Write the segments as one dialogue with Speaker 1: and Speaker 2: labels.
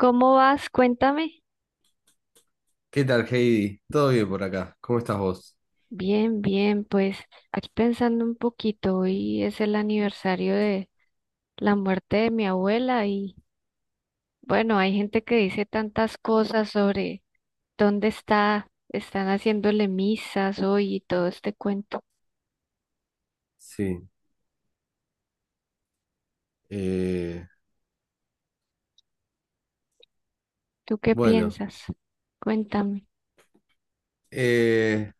Speaker 1: ¿Cómo vas? Cuéntame.
Speaker 2: ¿Qué tal, Heidi? ¿Todo bien por acá? ¿Cómo estás vos?
Speaker 1: Bien, bien, pues aquí pensando un poquito, hoy es el aniversario de la muerte de mi abuela y bueno, hay gente que dice tantas cosas sobre dónde está, están haciéndole misas hoy y todo este cuento.
Speaker 2: Sí. eh,
Speaker 1: ¿Tú qué
Speaker 2: bueno,
Speaker 1: piensas? Cuéntame.
Speaker 2: eh,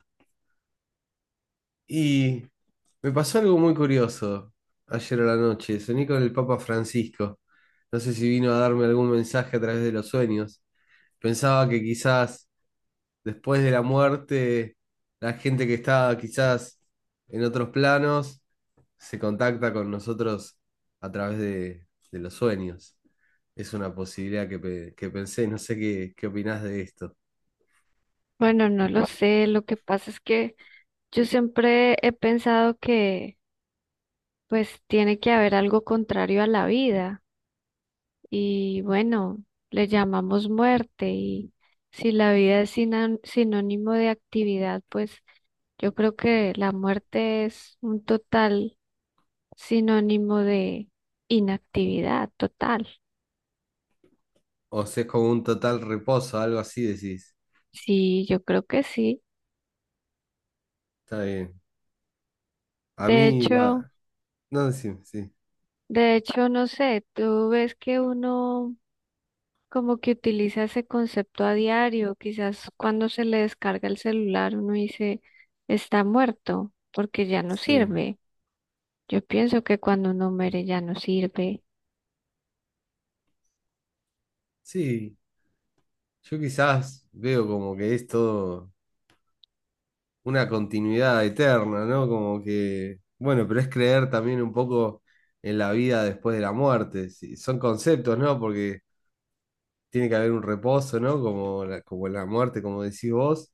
Speaker 2: y Me pasó algo muy curioso ayer a la noche. Soñé con el Papa Francisco. No sé si vino a darme algún mensaje a través de los sueños. Pensaba que quizás después de la muerte, la gente que está quizás en otros planos se contacta con nosotros a través de los sueños. Es una posibilidad que, que pensé, no sé qué, qué opinás de esto.
Speaker 1: Bueno, no lo sé, lo que pasa es que yo siempre he pensado que pues tiene que haber algo contrario a la vida. Y bueno, le llamamos muerte y si la vida es sinónimo de actividad, pues yo creo que la muerte es un total sinónimo de inactividad total.
Speaker 2: O si es como un total reposo, algo así decís.
Speaker 1: Sí, yo creo que sí.
Speaker 2: Está bien. A
Speaker 1: De
Speaker 2: mí
Speaker 1: hecho,
Speaker 2: va. No, decime, sí.
Speaker 1: de hecho, no sé, tú ves que uno como que utiliza ese concepto a diario, quizás cuando se le descarga el celular uno dice está muerto porque ya no
Speaker 2: Sí.
Speaker 1: sirve. Yo pienso que cuando uno muere ya no sirve.
Speaker 2: Sí. Yo quizás veo como que es todo una continuidad eterna, ¿no? Como que, bueno, pero es creer también un poco en la vida después de la muerte. Sí, son conceptos, ¿no? Porque tiene que haber un reposo, ¿no? Como la muerte, como decís vos,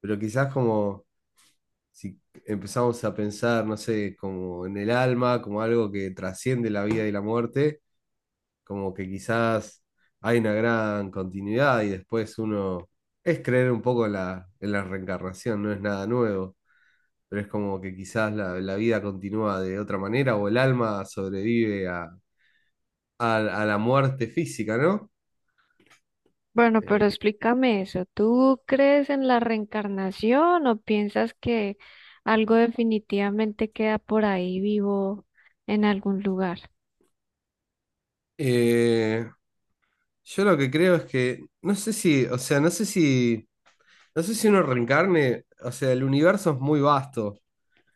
Speaker 2: pero quizás como si empezamos a pensar, no sé, como en el alma, como algo que trasciende la vida y la muerte, como que quizás hay una gran continuidad y después uno... Es creer un poco en la reencarnación, no es nada nuevo. Pero es como que quizás la, la vida continúa de otra manera o el alma sobrevive a, a la muerte física, ¿no?
Speaker 1: Bueno, pero
Speaker 2: Eh,
Speaker 1: explícame eso. ¿Tú crees en la reencarnación o piensas que algo definitivamente queda por ahí vivo en algún lugar?
Speaker 2: eh, yo lo que creo es que, no sé si, o sea, no sé si, no sé si uno reencarne, o sea, el universo es muy vasto,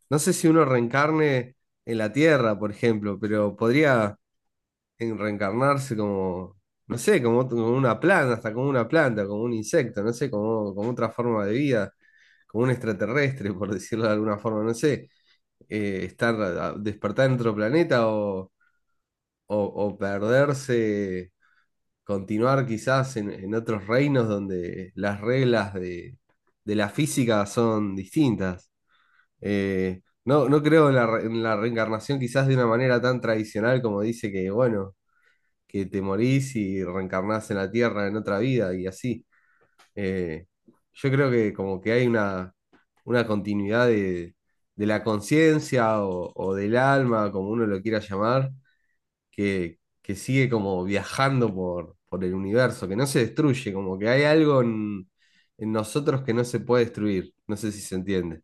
Speaker 2: no sé si uno reencarne en la Tierra, por ejemplo, pero podría reencarnarse como... No sé, como, como una planta, hasta como una planta, como un insecto, no sé, como, como otra forma de vida. Como un extraterrestre, por decirlo de alguna forma, no sé, estar, despertar en otro planeta o o perderse, continuar quizás en otros reinos donde las reglas de la física son distintas. No, no creo en la, en la reencarnación quizás de una manera tan tradicional como dice que, bueno, que te morís y reencarnás en la Tierra en otra vida y así. Eh, yo creo que como que hay una continuidad de la conciencia o del alma, como uno lo quiera llamar, que sigue como viajando por el universo, que no se destruye, como que hay algo en nosotros que no se puede destruir. No sé si se entiende.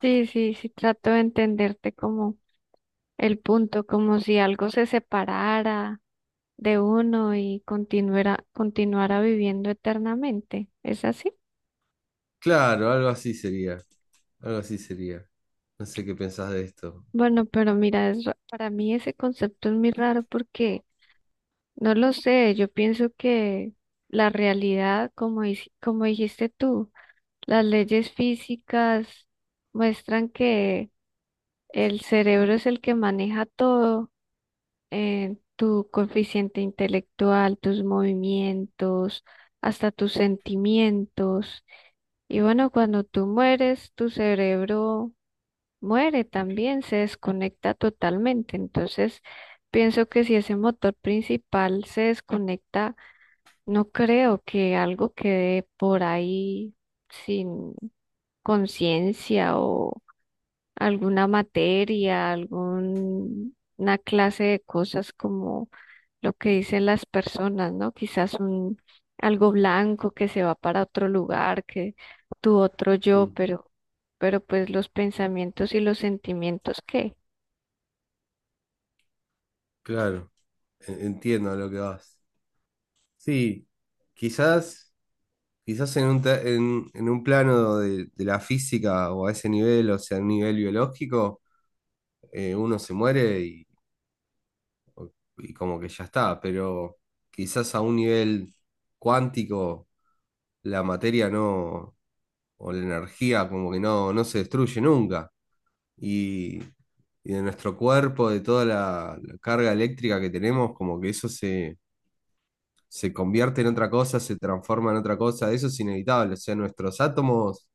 Speaker 1: Sí, sí, sí, trato de entenderte como el punto, como si algo se separara de uno y continuara, continuara viviendo eternamente. ¿Es así?
Speaker 2: Claro, algo así sería, algo así sería. No sé qué pensás de esto.
Speaker 1: Bueno, pero mira, es para mí ese concepto es muy raro porque no lo sé, yo pienso que la realidad, como, como dijiste tú, las leyes físicas muestran que el cerebro es el que maneja todo, tu coeficiente intelectual, tus movimientos, hasta tus sentimientos. Y bueno, cuando tú mueres, tu cerebro muere también, se desconecta totalmente. Entonces, pienso que si ese motor principal se desconecta, no creo que algo quede por ahí sin conciencia o alguna materia, alguna clase de cosas como lo que dicen las personas, ¿no? Quizás un algo blanco que se va para otro lugar, que tu otro yo,
Speaker 2: Mm,
Speaker 1: pero pues los pensamientos y los sentimientos, ¿qué?
Speaker 2: claro, entiendo a lo que vas. Sí, quizás... Quizás en un, en un plano de la física o a ese nivel, o sea, a un nivel biológico, uno se muere y como que ya está, pero quizás a un nivel cuántico la materia no, o la energía como que no, no se destruye nunca. Y, y de nuestro cuerpo, de toda la, la carga eléctrica que tenemos, como que eso se, se convierte en otra cosa, se transforma en otra cosa, eso es inevitable, o sea, nuestros átomos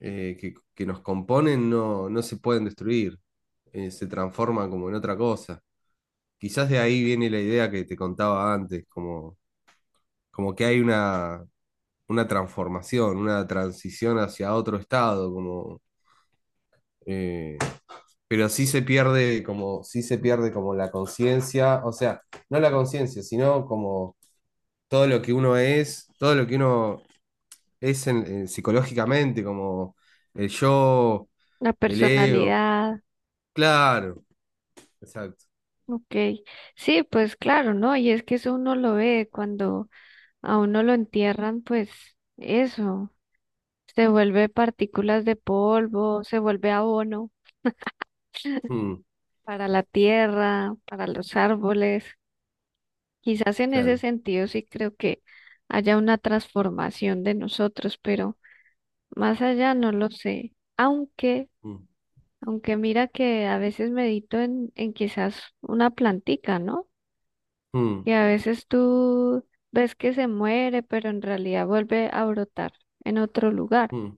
Speaker 2: que nos componen no, no se pueden destruir, se transforman como en otra cosa. Quizás de ahí viene la idea que te contaba antes, como, como que hay una transformación, una transición hacia otro estado, como, eh, pero sí se pierde como, sí se pierde como la conciencia, o sea, no la conciencia, sino como todo lo que uno es, todo lo que uno es psicológicamente, como el yo,
Speaker 1: La
Speaker 2: el ego.
Speaker 1: personalidad,
Speaker 2: Claro, exacto.
Speaker 1: ok. Sí, pues claro, ¿no? Y es que eso uno lo ve cuando a uno lo entierran, pues eso, se vuelve partículas de polvo, se vuelve abono
Speaker 2: Mm,
Speaker 1: para la tierra, para los árboles. Quizás en ese
Speaker 2: claro.
Speaker 1: sentido sí creo que haya una transformación de nosotros, pero más allá no lo sé. Aunque,
Speaker 2: Mm,
Speaker 1: aunque mira que a veces medito en quizás una plantica, ¿no? Y
Speaker 2: mm,
Speaker 1: a veces tú ves que se muere, pero en realidad vuelve a brotar en otro lugar.
Speaker 2: mm,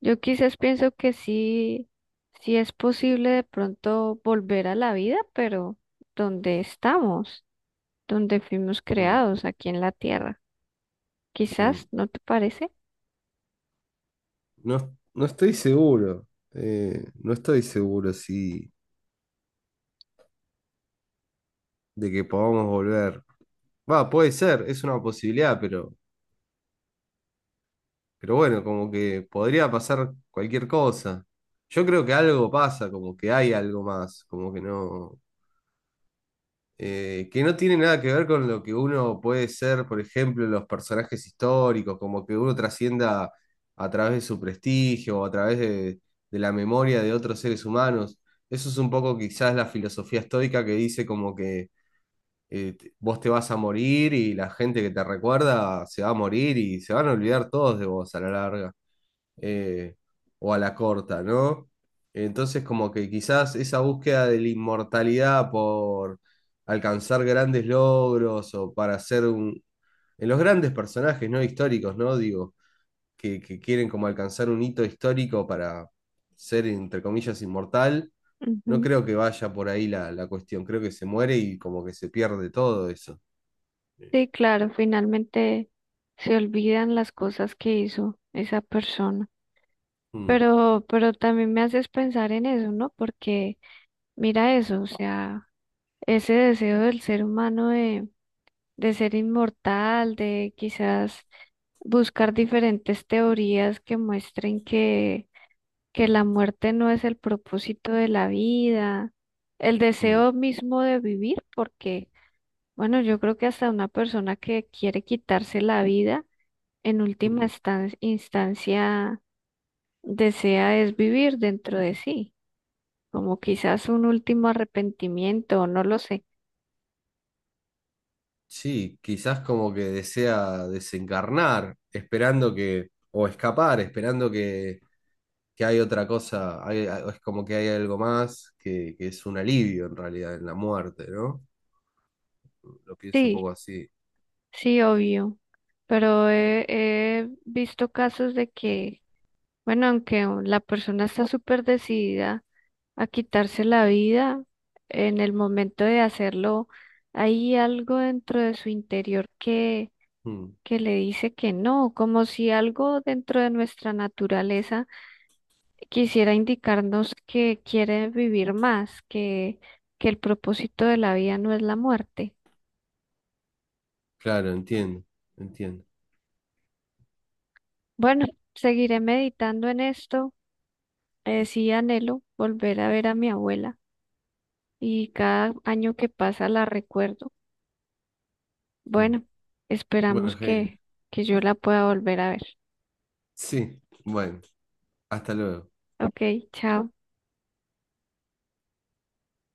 Speaker 1: Yo quizás pienso que sí, sí es posible de pronto volver a la vida, pero donde estamos, donde fuimos
Speaker 2: mm.
Speaker 1: creados, aquí en la tierra. Quizás,
Speaker 2: Sí.
Speaker 1: ¿no te parece?
Speaker 2: No, no estoy seguro. No estoy seguro si de que podamos volver. Va, puede ser, es una posibilidad, pero bueno, como que podría pasar cualquier cosa. Yo creo que algo pasa, como que hay algo más, como que no. Que no tiene nada que ver con lo que uno puede ser, por ejemplo, los personajes históricos, como que uno trascienda a través de su prestigio o a través de la memoria de otros seres humanos. Eso es un poco quizás la filosofía estoica que dice como que vos te vas a morir y la gente que te recuerda se va a morir y se van a olvidar todos de vos a la larga eh, o a la corta, ¿no? Entonces, como que quizás esa búsqueda de la inmortalidad por alcanzar grandes logros o para ser un... En los grandes personajes, ¿no? Históricos, ¿no? Digo, que quieren como alcanzar un hito histórico para ser, entre comillas, inmortal, no
Speaker 1: Ujú.
Speaker 2: creo que vaya por ahí la, la cuestión. Creo que se muere y como que se pierde todo eso.
Speaker 1: Sí, claro, finalmente se olvidan las cosas que hizo esa persona.
Speaker 2: Mm,
Speaker 1: Pero también me haces pensar en eso, ¿no? Porque mira eso, o sea, ese deseo del ser humano de ser inmortal, de quizás buscar diferentes teorías que muestren que la muerte no es el propósito de la vida, el
Speaker 2: mm,
Speaker 1: deseo mismo de vivir, porque, bueno, yo creo que hasta una persona que quiere quitarse la vida, en última
Speaker 2: mm.
Speaker 1: instancia, desea es vivir dentro de sí, como quizás un último arrepentimiento, no lo sé.
Speaker 2: Sí, quizás como que desea desencarnar, esperando que, o escapar, esperando que hay otra cosa, es como que hay algo más que es un alivio en realidad en la muerte, ¿no? Lo pienso un
Speaker 1: Sí,
Speaker 2: poco así.
Speaker 1: sí, obvio, pero he visto casos de que bueno, aunque la persona está súper decidida a quitarse la vida, en el momento de hacerlo, hay algo dentro de su interior
Speaker 2: Mm,
Speaker 1: que le dice que no, como si algo dentro de nuestra naturaleza quisiera indicarnos que quiere vivir más, que el propósito de la vida no es la muerte.
Speaker 2: claro, entiendo, entiendo.
Speaker 1: Bueno, seguiré meditando en esto. Sí anhelo volver a ver a mi abuela y cada año que pasa la recuerdo.
Speaker 2: Mm.
Speaker 1: Bueno,
Speaker 2: Bueno,
Speaker 1: esperamos
Speaker 2: Jair,
Speaker 1: que yo la pueda volver a ver.
Speaker 2: sí, bueno, hasta luego.
Speaker 1: Ok, chao.